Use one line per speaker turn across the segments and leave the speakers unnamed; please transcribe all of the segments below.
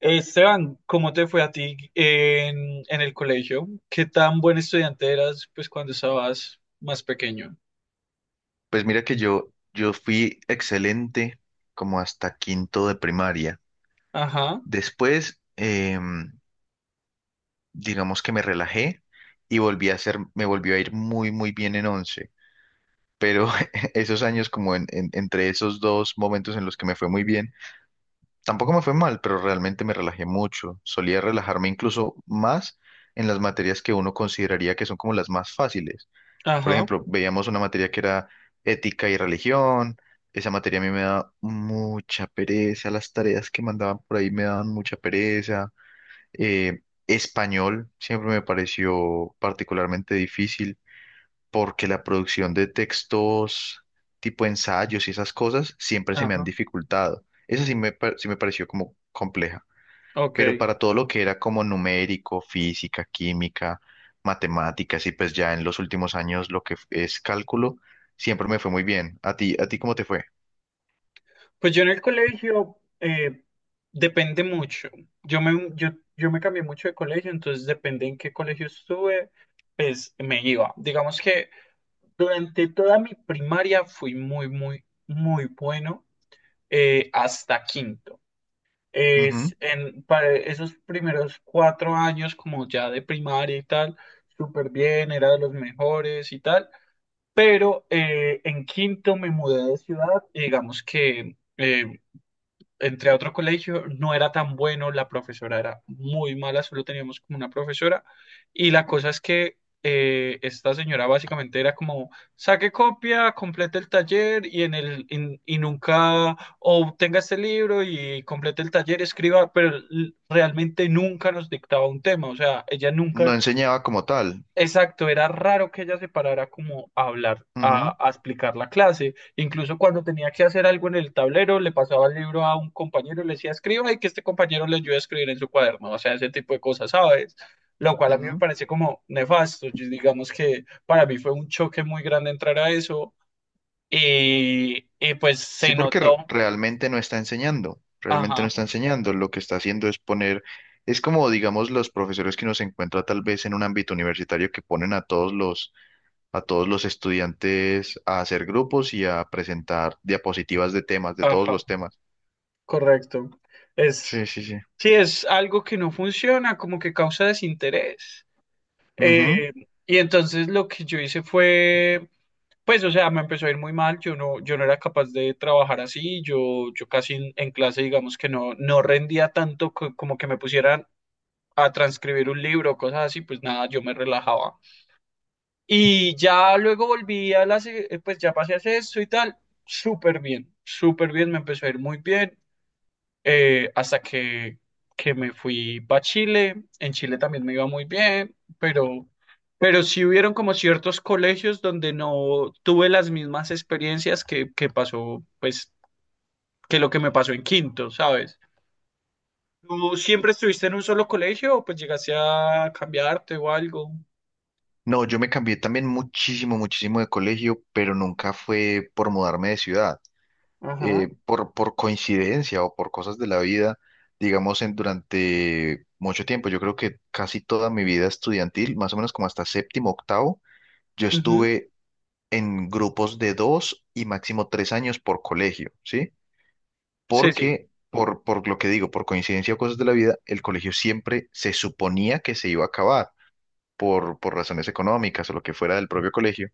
Esteban, ¿cómo te fue a ti en el colegio? ¿Qué tan buen estudiante eras pues cuando estabas más pequeño?
Pues mira que yo fui excelente como hasta quinto de primaria.
Ajá,
Después, digamos que me relajé y volví a ser, me volvió a ir muy bien en once. Pero esos años como entre esos dos momentos en los que me fue muy bien, tampoco me fue mal, pero realmente me relajé mucho. Solía relajarme incluso más en las materias que uno consideraría que son como las más fáciles. Por
ajá,
ejemplo, veíamos una materia que era ética y religión. Esa materia a mí me da mucha pereza. Las tareas que mandaban por ahí me daban mucha pereza. Eh, Español siempre me pareció particularmente difícil porque la producción de textos tipo ensayos y esas cosas siempre se me han
ajá,
dificultado. Esa sí me pareció como compleja,
ok.
pero para todo lo que era como numérico, física, química, matemáticas, y pues ya en los últimos años lo que es cálculo, siempre me fue muy bien. ¿A ti cómo te fue?
Pues yo en el colegio depende mucho. Yo me, yo, yo me cambié mucho de colegio, entonces depende en qué colegio estuve, pues me iba. Digamos que durante toda mi primaria fui muy, muy, muy bueno hasta quinto.
Ujú.
Para esos primeros cuatro años, como ya de primaria y tal, súper bien, era de los mejores y tal. Pero en quinto me mudé de ciudad y digamos que entre a otro colegio, no era tan bueno, la profesora era muy mala, solo teníamos como una profesora. Y la cosa es que esta señora básicamente era como, saque copia, complete el taller y nunca obtenga este libro y complete el taller, escriba, pero realmente nunca nos dictaba un tema, o sea, ella
No
nunca.
enseñaba como tal.
Exacto, era raro que ella se parara como a hablar, a,
Ujú,
a explicar la clase. Incluso cuando tenía que hacer algo en el tablero, le pasaba el libro a un compañero y le decía, escriba y que este compañero le ayude a escribir en su cuaderno. O sea, ese tipo de cosas, ¿sabes? Lo cual a mí me
ujú.
parece como nefasto. Digamos que para mí fue un choque muy grande entrar a eso y pues se
Sí, porque
notó.
realmente no está enseñando, realmente no
Ajá,
está enseñando. Lo que está haciendo es poner, es como, digamos, los profesores que uno se encuentra tal vez en un ámbito universitario que ponen a todos a todos los estudiantes a hacer grupos y a presentar diapositivas de temas, de todos
ajá,
los temas.
correcto. Es,
Sí, sí, sí.
sí, es algo que no funciona, como que causa desinterés.
Ujú.
Eh, y entonces lo que yo hice fue, pues, o sea, me empezó a ir muy mal, yo no era capaz de trabajar así, yo casi en clase, digamos que no rendía tanto como que me pusieran a transcribir un libro, cosas así, pues nada, yo me relajaba. Y ya luego volví pues ya pasé a hacer y tal, súper bien, me empezó a ir muy bien hasta que me fui para Chile. En Chile también me iba muy bien, pero sí hubieron como ciertos colegios donde no tuve las mismas experiencias que pasó, pues, que lo que me pasó en quinto, ¿sabes? ¿Tú siempre estuviste en un solo colegio o pues llegaste a cambiarte o algo?
No, yo me cambié también muchísimo, muchísimo de colegio, pero nunca fue por mudarme de ciudad.
Ajá.
Por coincidencia o por cosas de la vida, digamos, durante mucho tiempo, yo creo que casi toda mi vida estudiantil, más o menos como hasta séptimo, octavo, yo
Ujú.
estuve en grupos de dos y máximo tres años por colegio, ¿sí?
Sí, sí.
Por lo que digo, por coincidencia o cosas de la vida, el colegio siempre se suponía que se iba a acabar por razones económicas o lo que fuera del propio colegio,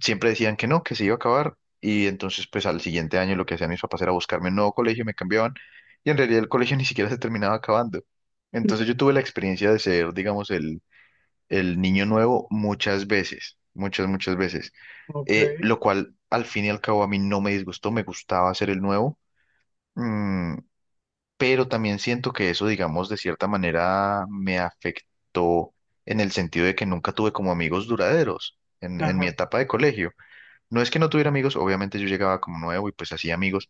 siempre decían que no, que se iba a acabar. Y entonces, pues al siguiente año lo que hacían mis papás era buscarme un nuevo colegio, me cambiaban. Y en realidad el colegio ni siquiera se terminaba acabando. Entonces yo tuve la experiencia de ser, digamos, el niño nuevo muchas veces, muchas, muchas veces.
Ok.
Lo cual al fin y al cabo a mí no me disgustó, me gustaba ser el nuevo. Mm, pero también siento que eso, digamos, de cierta manera me afectó en el sentido de que nunca tuve como amigos duraderos en mi
Ajá.
etapa de colegio. No es que no tuviera amigos, obviamente yo llegaba como nuevo y pues hacía amigos,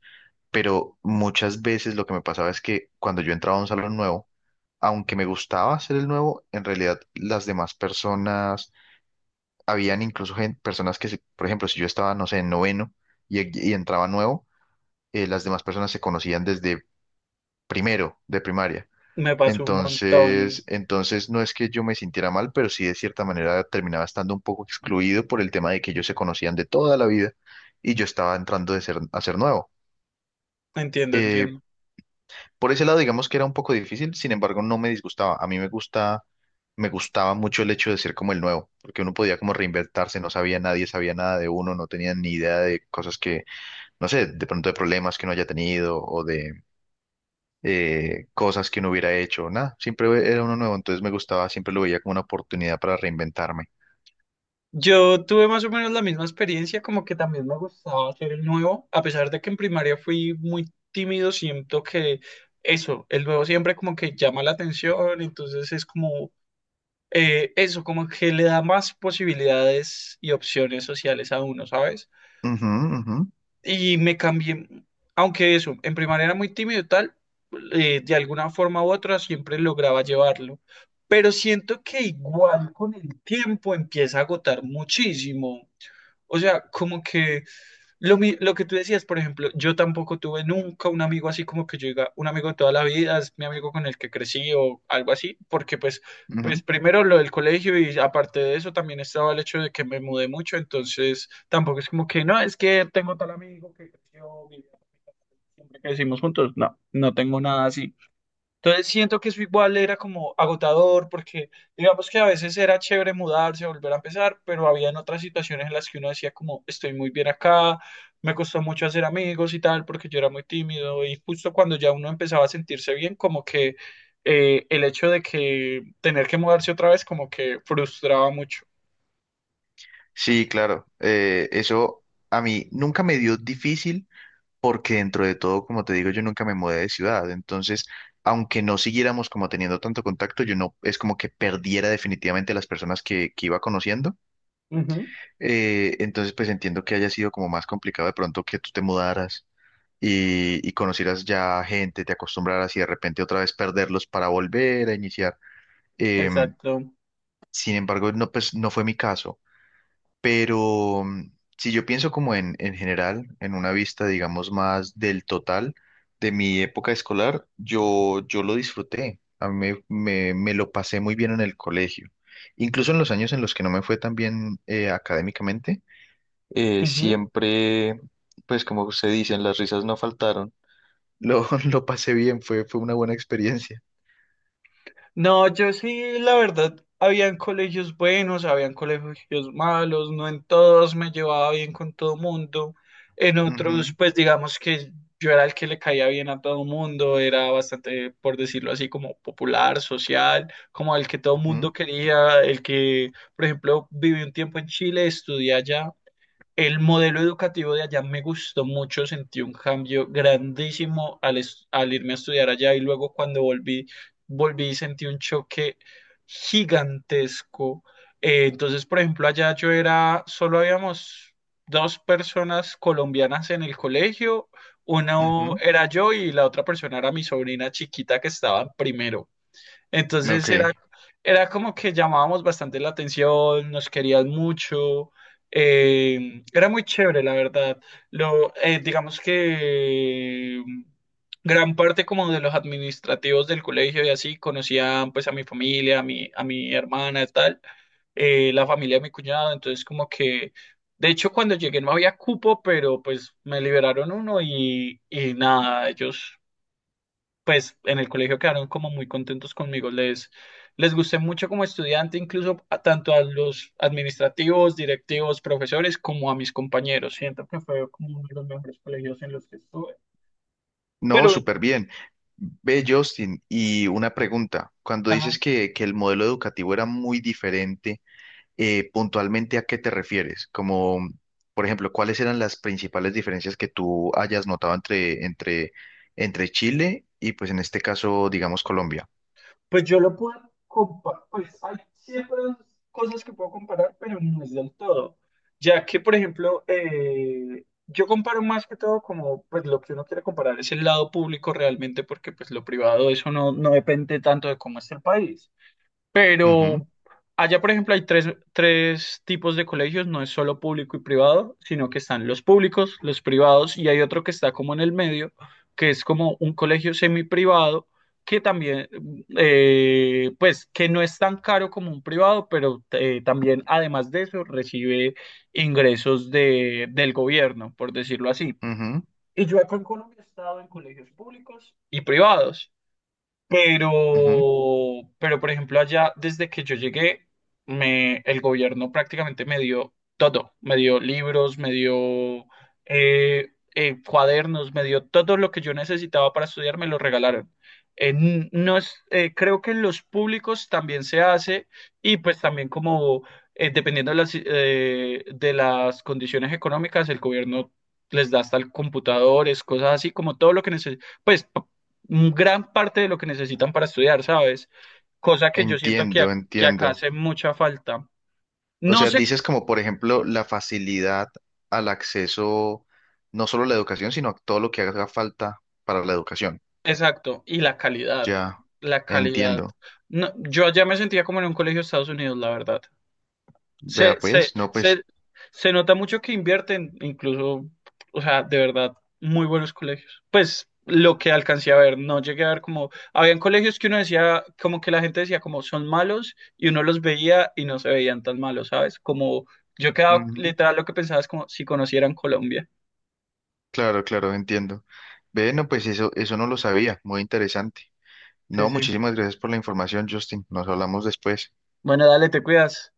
pero muchas veces lo que me pasaba es que cuando yo entraba a un salón nuevo, aunque me gustaba ser el nuevo, en realidad las demás personas, habían incluso personas que, por ejemplo, si yo estaba, no sé, en noveno y entraba nuevo, las demás personas se conocían desde primero de primaria.
Me pasó un montón.
Entonces no es que yo me sintiera mal, pero sí de cierta manera terminaba estando un poco excluido por el tema de que ellos se conocían de toda la vida y yo estaba entrando de ser, a ser nuevo.
Entiendo,
Eh,
entiendo.
por ese lado, digamos que era un poco difícil, sin embargo, no me disgustaba. A mí me gusta, me gustaba mucho el hecho de ser como el nuevo, porque uno podía como reinventarse, no sabía nadie, sabía nada de uno, no tenía ni idea de cosas que, no sé, de pronto de problemas que uno haya tenido o de cosas que no hubiera hecho, nada, siempre era uno nuevo, entonces me gustaba, siempre lo veía como una oportunidad para reinventarme.
Yo tuve más o menos la misma experiencia, como que también me gustaba ser el nuevo, a pesar de que en primaria fui muy tímido, siento que eso, el nuevo siempre como que llama la atención, entonces es como eso, como que le da más posibilidades y opciones sociales a uno, ¿sabes?
Ujú, ujú,
Y me cambié, aunque eso, en primaria era muy tímido y tal, de alguna forma u otra siempre lograba llevarlo, pero siento que igual con el tiempo empieza a agotar muchísimo. O sea, como que lo que tú decías, por ejemplo, yo tampoco tuve nunca un amigo así como que yo diga, un amigo de toda la vida, es mi amigo con el que crecí o algo así, porque pues, pues
ujú.
primero lo del colegio y aparte de eso también estaba el hecho de que me mudé mucho, entonces tampoco es como que no, es que tengo tal amigo que creció, vivió siempre que decimos juntos, no tengo nada así. Entonces siento que eso igual era como agotador porque digamos que a veces era chévere mudarse, volver a empezar, pero habían otras situaciones en las que uno decía como estoy muy bien acá, me costó mucho hacer amigos y tal porque yo era muy tímido y justo cuando ya uno empezaba a sentirse bien como que el hecho de que tener que mudarse otra vez como que frustraba mucho.
Sí, claro, eso a mí nunca me dio difícil porque dentro de todo, como te digo, yo nunca me mudé de ciudad, entonces, aunque no siguiéramos como teniendo tanto contacto, yo no, es como que perdiera definitivamente las personas que iba conociendo,
Ujú,
entonces pues entiendo que haya sido como más complicado de pronto que tú te mudaras y conocieras ya gente, te acostumbraras y de repente otra vez perderlos para volver a iniciar. Em,
exacto.
sin embargo, no, pues, no fue mi caso, pero mm, si yo pienso como en general, en una vista, digamos, más del total de mi época escolar, yo lo disfruté, a mí me lo pasé muy bien en el colegio. Incluso en los años en los que no me fue tan bien académicamente,
Ujú.
siempre, pues como se dice, las risas no faltaron, lo pasé bien, fue, fue una buena experiencia.
No, yo sí, la verdad, habían colegios buenos, habían colegios malos, no en todos me llevaba bien con todo mundo, en otros,
Ujú,
pues digamos que yo era el que le caía bien a todo mundo, era bastante, por decirlo así, como popular, social, como el que todo
ujú,
mundo quería, el que, por ejemplo, viví un tiempo en Chile, estudié allá. El modelo educativo de allá me gustó mucho, sentí un cambio grandísimo al irme a estudiar allá y luego cuando volví, volví y sentí un choque gigantesco. Entonces, por ejemplo, allá yo era, solo habíamos dos personas colombianas en el colegio, una
ujú.
era yo y la otra persona era mi sobrina chiquita que estaba en primero. Entonces era,
Ok.
era como que llamábamos bastante la atención, nos querían mucho, era muy chévere, la verdad. Digamos que gran parte como de los administrativos del colegio y así conocían pues a mi familia, a mi hermana y tal, la familia de mi cuñado, entonces como que, de hecho cuando llegué no había cupo, pero pues me liberaron uno y nada, ellos pues en el colegio quedaron como muy contentos conmigo. Les gusté mucho como estudiante, incluso tanto a los administrativos, directivos, profesores, como a mis compañeros. Siento que fue como uno de los mejores colegios en los que estuve.
No,
Pero...
súper bien. Ve, Justin, y una pregunta. Cuando
Ajá,
dices que el modelo educativo era muy diferente, puntualmente, ¿a qué te refieres? Como, por ejemplo, ¿cuáles eran las principales diferencias que tú hayas notado entre Chile y, pues, en este caso, digamos, Colombia?
pues yo lo puedo comparar, pues hay siempre cosas que puedo comparar, pero no es del todo. Ya que, por ejemplo, yo comparo más que todo como, pues lo que uno quiere comparar es el lado público realmente, porque pues lo privado, eso no depende tanto de cómo es el país.
Ujú,
Pero allá, por ejemplo, hay tres tipos de colegios, no es solo público y privado, sino que están los públicos, los privados y hay otro que está como en el medio, que es como un colegio semiprivado, que también, pues, que no es tan caro como un privado, pero también, además de eso, recibe ingresos del gobierno, por decirlo así.
ujú,
Y yo acá en Colombia he estado en colegios públicos y privados. Pero,
ujú.
pero por ejemplo, allá desde que yo llegué, el gobierno prácticamente me dio todo. Me dio libros, me dio cuadernos, me dio todo lo que yo necesitaba para estudiar, me lo regalaron. No es, creo que en los públicos también se hace y pues también como dependiendo de las condiciones económicas, el gobierno les da hasta el computadores, cosas así, como todo lo que necesitan. Pues gran parte de lo que necesitan para estudiar, ¿sabes? Cosa que yo siento que,
Entiendo,
que acá
entiendo.
hace mucha falta.
O
No
sea,
sé,
dices como, por ejemplo, la facilidad al acceso, no solo a la educación, sino a todo lo que haga falta para la educación.
exacto, y la calidad,
Ya,
la calidad.
entiendo.
No, yo allá me sentía como en un colegio de Estados Unidos, la verdad. Se,
Vea,
se,
pues, no,
se,
pues,
se nota mucho que invierten, incluso, o sea, de verdad, muy buenos colegios. Pues lo que alcancé a ver, no llegué a ver como, habían colegios que uno decía, como que la gente decía como son malos y uno los veía y no se veían tan malos, ¿sabes? Como yo quedaba
ujú,
literal lo que pensaba es como si conocieran Colombia.
claro, claro, entiendo. Ve, no, pues eso no lo sabía, muy interesante.
Sí,
No,
sí.
muchísimas gracias por la información, Justin. Nos hablamos después.
Bueno, dale, te cuidas.